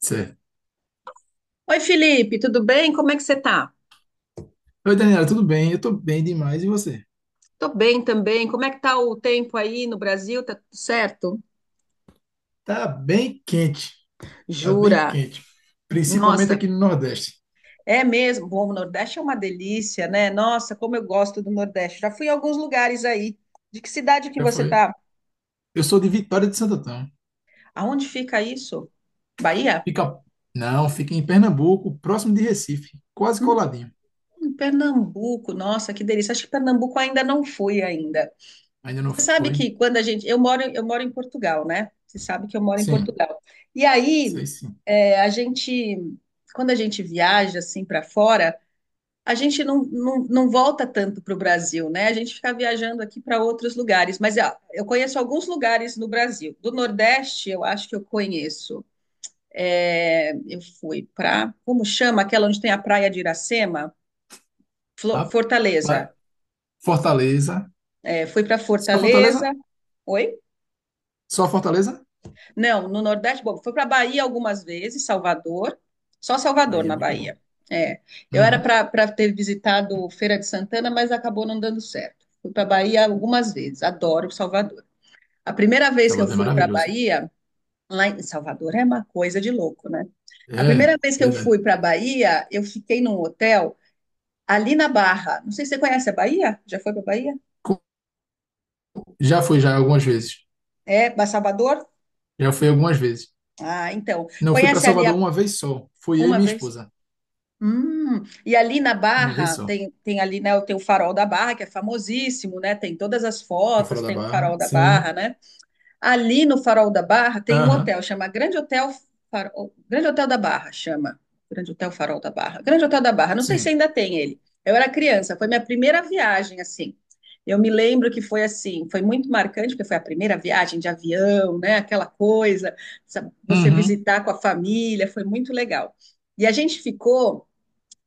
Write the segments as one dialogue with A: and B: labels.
A: Certo.
B: Oi, Felipe, tudo bem? Como é que você tá?
A: Oi, Daniela, tudo bem? Eu tô bem demais. E você?
B: Tô bem também. Como é que tá o tempo aí no Brasil? Tá tudo certo?
A: Tá bem quente. Tá bem
B: Jura?
A: quente. Principalmente
B: Nossa,
A: aqui no Nordeste.
B: é mesmo. Bom, o Nordeste é uma delícia, né? Nossa, como eu gosto do Nordeste. Já fui em alguns lugares aí. De que cidade que
A: Já
B: você
A: foi.
B: tá?
A: Eu sou de Vitória de Santo Antão.
B: Aonde fica isso? Bahia?
A: Fica. Não, fica em Pernambuco, próximo de Recife. Quase coladinho.
B: Pernambuco. Nossa, que delícia. Acho que Pernambuco ainda não fui ainda.
A: Ainda não
B: Você sabe
A: foi?
B: que quando a gente. Eu moro em Portugal, né? Você sabe que eu moro em
A: Sim,
B: Portugal. E aí,
A: sei sim.
B: é, a gente. Quando a gente viaja assim para fora, a gente não volta tanto para o Brasil, né? A gente fica viajando aqui para outros lugares. Mas ó, eu conheço alguns lugares no Brasil. Do Nordeste, eu acho que eu conheço. É, eu fui para. Como chama aquela onde tem a praia de Iracema? Fortaleza.
A: Rapaz, Fortaleza.
B: É, fui para
A: Só Fortaleza?
B: Fortaleza. Oi?
A: Só Fortaleza?
B: Não, no Nordeste, bom, fui para Bahia algumas vezes, Salvador, só Salvador
A: Aí é
B: na
A: muito
B: Bahia.
A: bom.
B: É, eu era
A: Uhum.
B: para ter visitado Feira de Santana, mas acabou não dando certo. Fui para Bahia algumas vezes, adoro Salvador. A primeira vez que eu
A: Salvador é
B: fui para
A: maravilhoso.
B: Bahia, lá em Salvador é uma coisa de louco, né? A
A: É,
B: primeira vez que eu
A: verdade.
B: fui para Bahia, eu fiquei num hotel ali na Barra. Não sei se você conhece a Bahia? Já foi para Bahia?
A: Co- Já fui já algumas vezes.
B: É, Salvador?
A: Já fui algumas vezes.
B: Ah, então,
A: Não, fui para
B: conhece ali
A: Salvador uma vez só. Fui eu e
B: uma
A: minha
B: vez?
A: esposa.
B: E ali na
A: Uma vez
B: Barra
A: só.
B: tem ali, né, tem o Farol da Barra, que é famosíssimo, né? Tem todas as
A: Eu fora
B: fotos,
A: da
B: tem o
A: Barra.
B: Farol da Barra,
A: Sim.
B: né? Ali no Farol da Barra tem um
A: Aham.
B: hotel, chama Grande Hotel Farol, Grande Hotel da Barra, chama. Grande Hotel Farol da Barra. Grande Hotel da Barra, não sei se
A: Sim.
B: ainda tem ele. Eu era criança, foi minha primeira viagem assim. Eu me lembro que foi assim, foi muito marcante, porque foi a primeira viagem de avião, né? Aquela coisa, sabe, você
A: Uhum.
B: visitar com a família, foi muito legal. E a gente ficou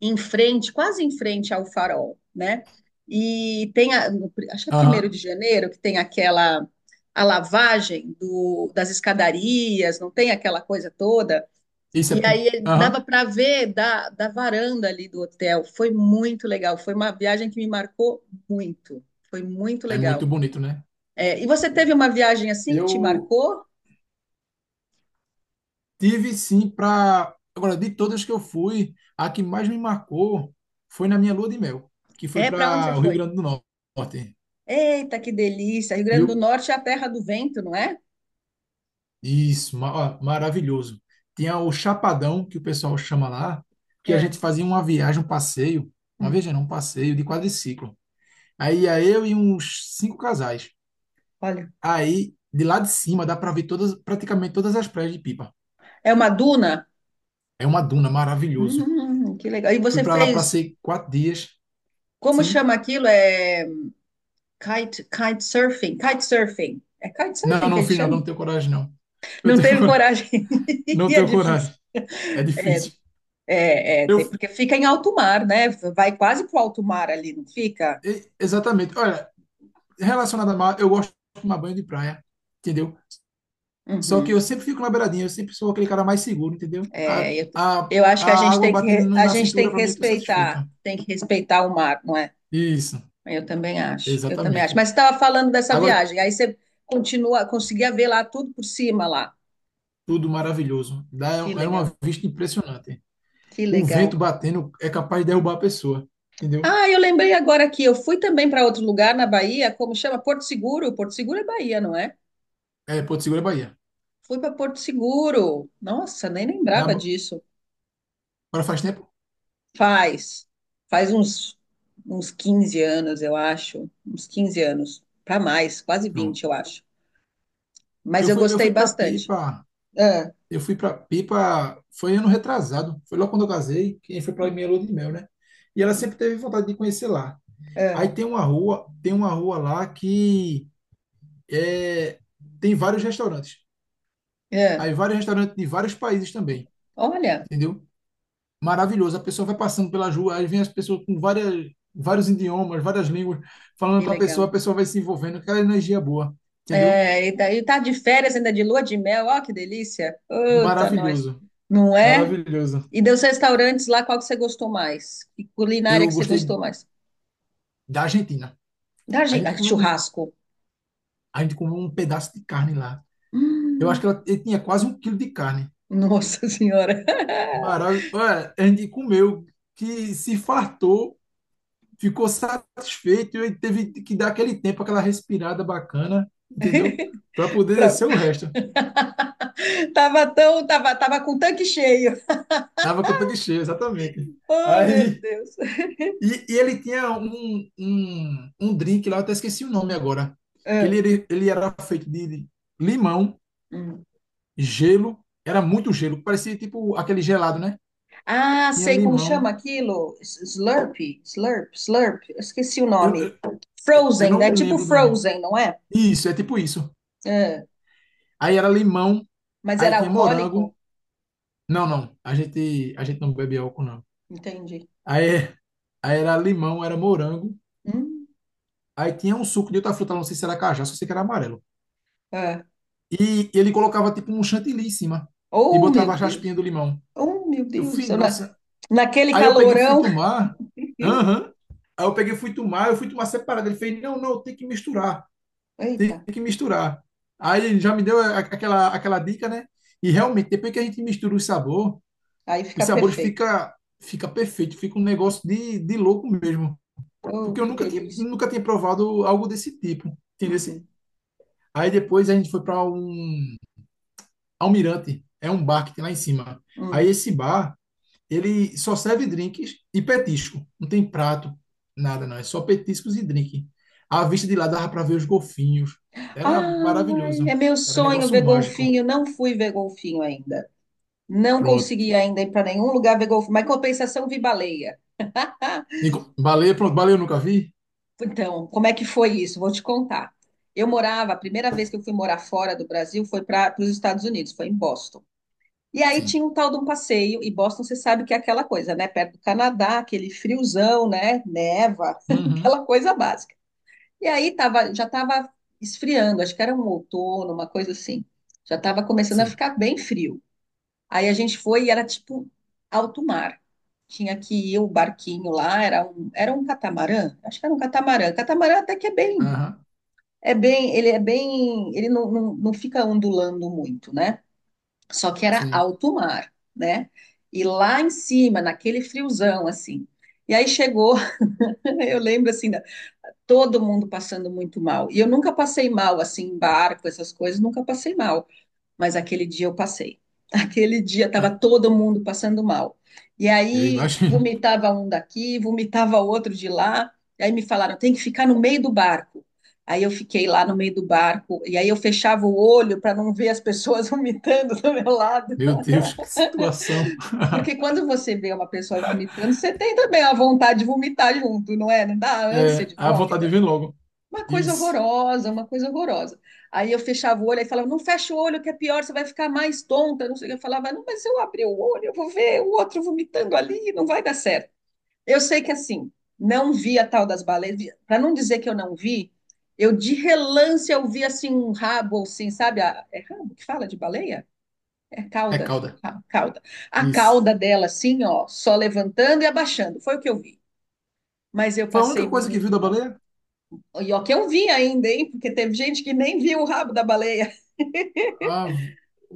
B: em frente, quase em frente ao Farol, né? E tem, a, no- pri- Acho que é primeiro
A: Aham.
B: de janeiro, que tem aquela a lavagem das escadarias, não tem aquela coisa toda.
A: Isso é.
B: E aí dava
A: Aham.
B: para ver da varanda ali do hotel. Foi muito legal. Foi uma viagem que me marcou muito. Foi muito
A: É muito
B: legal.
A: bonito, né?
B: É, e você teve uma viagem assim que te
A: Eu
B: marcou?
A: tive sim para. Agora, de todas que eu fui, a que mais me marcou foi na minha lua de mel, que foi
B: É, para onde você
A: para o Rio
B: foi?
A: Grande do Norte.
B: Eita, que delícia! Rio Grande do
A: Rio.
B: Norte é a terra do vento, não é?
A: Isso. Ó, maravilhoso. Tinha o Chapadão, que o pessoal chama lá, que a gente
B: É.
A: fazia uma viagem, um passeio. Uma
B: Hum,
A: viagem, não, um passeio de quadriciclo. Aí ia eu e uns cinco casais.
B: Olha.
A: Aí, de lá de cima, dá para ver todas, praticamente todas as praias de Pipa.
B: É uma duna?
A: É uma duna, maravilhoso.
B: Que legal. E
A: Fui
B: você
A: para lá,
B: fez,
A: passei 4 dias.
B: como
A: Sim.
B: chama aquilo? É kite surfing. É kite
A: Não,
B: surfing que
A: não
B: a gente
A: fiz, não, que eu não
B: chama?
A: tenho coragem, não. Eu
B: Não
A: tenho
B: teve
A: coragem.
B: coragem.
A: Não
B: E é
A: tenho
B: difícil.
A: coragem. É
B: É,
A: difícil.
B: Tem,
A: Eu,
B: porque fica em alto mar, né? Vai quase pro alto mar ali, não fica?
A: Exatamente. Olha, relacionado a mar, eu gosto de tomar banho de praia, entendeu? Só que eu
B: Uhum.
A: sempre fico na beiradinha, eu sempre sou aquele cara mais seguro, entendeu?
B: É,
A: A,
B: eu,
A: a,
B: eu acho que
A: a água batendo
B: a
A: na
B: gente
A: cintura, para mim, eu tô satisfeito.
B: tem que respeitar o mar, não é?
A: Isso,
B: Eu também acho, eu também acho.
A: exatamente.
B: Mas você estava falando dessa
A: Agora,
B: viagem, aí você continua, conseguia ver lá tudo por cima lá.
A: tudo maravilhoso.
B: Que
A: Era uma
B: legal,
A: vista impressionante.
B: que
A: O vento
B: legal.
A: batendo é capaz de derrubar a pessoa, entendeu?
B: Ah, eu lembrei agora aqui, eu fui também para outro lugar na Bahia, como chama? Porto Seguro. Porto Seguro é Bahia, não é?
A: É Porto Seguro é Bahia.
B: Fui para Porto Seguro. Nossa, nem
A: Na,
B: lembrava disso.
A: Para faz tempo?
B: Faz, faz uns 15 anos, eu acho. Uns 15 anos, para mais, quase 20,
A: Pronto.
B: eu acho. Mas
A: Eu
B: eu
A: fui, eu
B: gostei
A: fui para
B: bastante.
A: Pipa.
B: É,
A: Eu fui para Pipa, foi ano retrasado. Foi logo quando eu casei, que foi para minha lua de mel, né? E ela sempre teve vontade de conhecer lá.
B: é,
A: Aí tem uma rua, lá que é, tem vários restaurantes.
B: é.
A: Aí vários restaurantes de vários países também,
B: Olha,
A: entendeu? Maravilhoso. A pessoa vai passando pela rua, aí vem as pessoas com várias, vários idiomas, várias línguas, falando
B: que
A: com
B: legal.
A: a pessoa vai se envolvendo, aquela energia boa, entendeu?
B: É, e daí tá de férias ainda de lua de mel, ó, que delícia. Puta, nós.
A: Maravilhoso,
B: Não é?
A: maravilhoso.
B: E dos restaurantes lá, qual que você gostou mais? E culinária
A: Eu
B: que você
A: gostei
B: gostou mais?
A: da Argentina. A gente comeu um,
B: Churrasco.
A: a gente comeu um pedaço de carne lá. Eu acho
B: Hum,
A: que ela, ele tinha quase 1 quilo de carne.
B: Nossa senhora.
A: Maravilhoso. A gente comeu, que se fartou, ficou satisfeito e teve que dar aquele tempo, aquela respirada bacana, entendeu? Para poder
B: Pra-
A: descer o resto.
B: tava com o tanque cheio.
A: Tava com o tanque cheio, exatamente.
B: Oh, meu
A: Aí,
B: Deus.
A: e ele tinha um drink lá, eu até esqueci o nome agora, que
B: Ah,
A: ele, ele era feito de limão,
B: hum.
A: gelo, era muito gelo, parecia tipo aquele gelado, né?
B: Ah,
A: Tinha
B: sei como chama
A: limão,
B: aquilo? Slurp, slurp, slurp. Eu esqueci o
A: eu,
B: nome.
A: eu
B: Frozen,
A: não
B: né?
A: me
B: Tipo
A: lembro do nome.
B: Frozen, não é?
A: Isso, é tipo isso.
B: Ah,
A: Aí era limão,
B: mas
A: aí
B: era
A: tinha
B: alcoólico?
A: morango. Não, não, a gente não bebe álcool, não.
B: Entendi.
A: Aí, aí era limão, era morango,
B: Hum,
A: aí tinha um suco de outra fruta, não sei se era cajá, só sei que era amarelo.
B: ah.
A: E ele colocava tipo um chantilly em cima e
B: Oh,
A: botava a
B: meu
A: raspinha
B: Deus.
A: do limão.
B: Oh, meu
A: Eu
B: Deus do
A: fui,
B: céu.
A: nossa.
B: Naquele
A: Aí eu peguei e fui
B: calorão.
A: tomar.
B: Uhum.
A: Aham. Aí eu peguei e fui tomar, eu fui tomar separado. Ele fez, não, não, tem que misturar, tem
B: Eita,
A: que misturar. Aí ele já me deu aquela dica, né? E realmente, depois que a gente mistura o sabor,
B: aí
A: os
B: fica
A: sabores
B: perfeito.
A: fica, perfeito, fica um negócio de louco mesmo. Porque
B: Oh,
A: eu
B: que
A: nunca tinha,
B: delícia.
A: nunca tinha provado algo desse tipo, entendeu?
B: Uhum,
A: Aí depois a gente foi para um, Almirante é um bar que tem lá em cima. Aí
B: hum.
A: esse bar, ele só serve drinks e petisco. Não tem prato, nada não. É só petiscos e drink. A vista de lá dava para ver os golfinhos. Era
B: Ai,
A: maravilhoso.
B: é meu
A: Era
B: sonho
A: negócio
B: ver
A: mágico.
B: golfinho. Não fui ver golfinho ainda. Não
A: Pronto.
B: consegui ainda ir para nenhum lugar ver golfinho, mas em compensação vi baleia.
A: Nico, baleia, pronto. Baleia eu nunca vi?
B: Então, como é que foi isso? Vou te contar. Eu morava, a primeira vez que eu fui morar fora do Brasil foi para os Estados Unidos, foi em Boston. E aí
A: Sim.
B: tinha um tal de um passeio, e Boston você sabe que é aquela coisa, né? Perto do Canadá, aquele friozão, né? Neva,
A: Uhum.
B: aquela coisa básica. E aí tava, já estava esfriando, acho que era um outono, uma coisa assim. Já estava começando a
A: Sim.
B: ficar bem frio. Aí a gente foi e era tipo alto mar. Tinha que ir o barquinho lá, era um catamarã, acho que era um catamarã. Catamarã até que
A: Aham.
B: ele não fica ondulando muito, né? Só que era
A: Sim.
B: alto mar, né? E lá em cima, naquele friozão, assim. E aí chegou, eu lembro assim, todo mundo passando muito mal. E eu nunca passei mal, assim, em barco, essas coisas, nunca passei mal. Mas aquele dia eu passei. Aquele dia estava
A: Ah,
B: todo mundo passando mal. E
A: eu
B: aí
A: imagino.
B: vomitava um daqui, vomitava outro de lá. E aí me falaram, tem que ficar no meio do barco. Aí eu fiquei lá no meio do barco, e aí eu fechava o olho para não ver as pessoas vomitando do meu lado.
A: Meu Deus, que situação.
B: Porque quando você vê uma pessoa vomitando, você tem também a vontade de vomitar junto, não é? Não dá ânsia
A: É,
B: de
A: a vontade
B: vômito.
A: de vir logo.
B: Uma coisa
A: Isso.
B: horrorosa, uma coisa horrorosa. Aí eu fechava o olho, aí falava, não fecha o olho, que é pior, você vai ficar mais tonta. Não sei o que. Eu falava, não, mas se eu abrir o olho, eu vou ver o outro vomitando ali, não vai dar certo. Eu sei que assim, não vi a tal das baleias, para não dizer que eu não vi, eu de relance eu vi assim um rabo, assim, sabe? É rabo que fala de baleia? É
A: É
B: cauda,
A: cauda.
B: cauda. A
A: Isso.
B: cauda dela, assim, ó, só levantando e abaixando. Foi o que eu vi. Mas eu
A: Foi a
B: passei
A: única coisa que viu
B: muito
A: da
B: mal.
A: baleia?
B: E ó, que eu vi ainda, hein? Porque teve gente que nem viu o rabo da baleia.
A: Ah,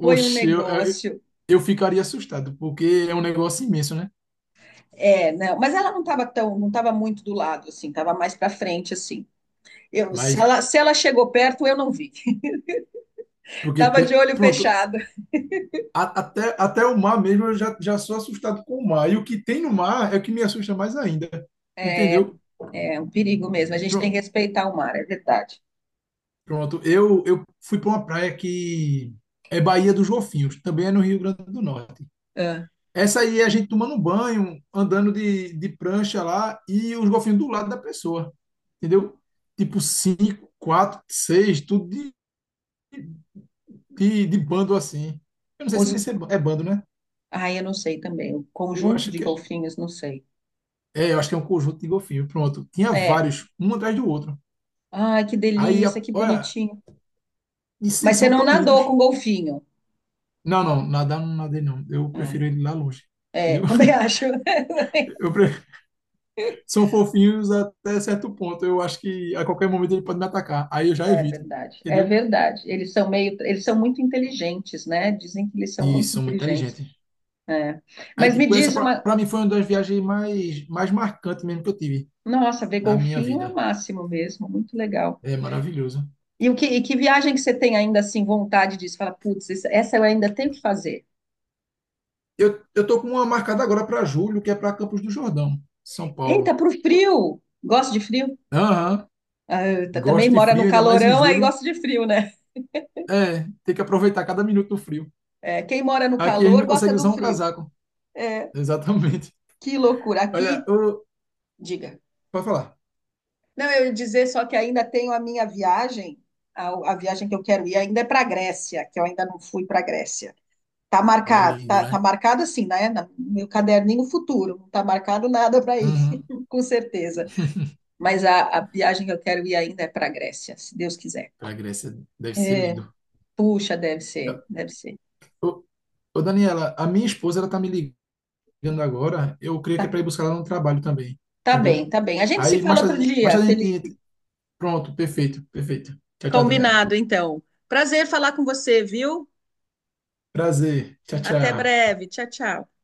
B: Foi um
A: eu, eu,
B: negócio.
A: eu ficaria assustado, porque é um negócio imenso, né?
B: É, não, mas ela não estava tão, não estava muito do lado, assim, estava mais para frente, assim. Eu, se
A: Mas,
B: ela, se ela chegou perto, eu não vi.
A: porque,
B: Tava de olho
A: pronto,
B: fechado.
A: até o mar mesmo eu já sou assustado com o mar. E o que tem no mar é o que me assusta mais ainda, entendeu?
B: É um perigo mesmo. A gente tem
A: Pro-
B: que respeitar o mar, é verdade.
A: Pronto, eu fui para uma praia que é Baía dos Golfinhos, também é no Rio Grande do Norte.
B: Ah,
A: Essa aí é a gente tomando banho, andando de prancha lá e os golfinhos do lado da pessoa, entendeu? Tipo cinco, quatro, seis, tudo de bando assim. Eu não sei se
B: os,
A: nesse é bando, né?
B: ai, eu não sei também. O
A: Eu
B: conjunto
A: acho
B: de
A: que é.
B: golfinhos, não sei.
A: É, eu acho que é um conjunto de golfinhos. Pronto. Tinha
B: É.
A: vários, um atrás do outro.
B: Ai, que
A: Aí,
B: delícia, que
A: olha,
B: bonitinho.
A: e
B: Mas você
A: são
B: não
A: tão
B: nadou
A: lindos.
B: com golfinho.
A: Não, não, nadar não nadei, não. Eu prefiro ele lá longe.
B: É, é,
A: Entendeu?
B: também acho.
A: Eu pre- São fofinhos até certo ponto. Eu acho que a qualquer momento ele pode me atacar. Aí eu já
B: É
A: evito.
B: verdade, é
A: Entendeu?
B: verdade. Eles são muito inteligentes, né? Dizem que eles são
A: E
B: muito
A: são muito
B: inteligentes.
A: inteligentes.
B: É.
A: Aí,
B: Mas me
A: tipo, essa
B: diz
A: pra,
B: uma,
A: pra mim foi uma das viagens mais marcantes mesmo que eu tive
B: Nossa, ver
A: na minha
B: golfinho é o
A: vida.
B: máximo mesmo, muito legal.
A: É maravilhoso.
B: E que viagem que você tem ainda assim vontade disso? Fala, putz, essa eu ainda tenho que fazer.
A: Eu tô com uma marcada agora para julho, que é para Campos do Jordão, São
B: Eita,
A: Paulo.
B: pro frio. Gosto de frio?
A: Aham,
B: Eita, também
A: gosto de
B: mora no
A: frio, ainda mais em
B: calorão, aí
A: julho.
B: gosta de frio, né?
A: É, tem que aproveitar cada minuto do frio.
B: É, quem mora no
A: Aqui a gente
B: calor
A: não
B: gosta
A: consegue
B: do
A: usar um
B: frio.
A: casaco. Exatamente.
B: Que loucura.
A: Olha,
B: Aqui,
A: eu,
B: diga.
A: pode falar.
B: Não, eu ia dizer só que ainda tenho a minha viagem, a viagem que eu quero ir ainda é para a Grécia, que eu ainda não fui para a Grécia. Tá
A: Pô, é
B: marcado,
A: lindo,
B: tá
A: né?
B: marcado assim, né? No meu caderninho futuro, não tá marcado nada para ir,
A: Uhum.
B: com certeza. Mas a viagem que eu quero ir ainda é para a Grécia, se Deus quiser.
A: Para Grécia deve ser
B: É,
A: lindo.
B: puxa, deve ser, deve ser.
A: Ô, ô, Daniela, a minha esposa ela tá me ligando agora. Eu creio que é
B: Tá,
A: para ir buscar ela no trabalho também,
B: tá bem,
A: entendeu?
B: tá bem. A gente se
A: Aí
B: fala outro
A: mais
B: dia,
A: tarde a
B: Felipe.
A: gente. Pronto, perfeito, perfeito. Tchau, tchau, Daniela.
B: Combinado, então. Prazer falar com você, viu?
A: Prazer. Tchau,
B: Até
A: tchau.
B: breve. Tchau, tchau.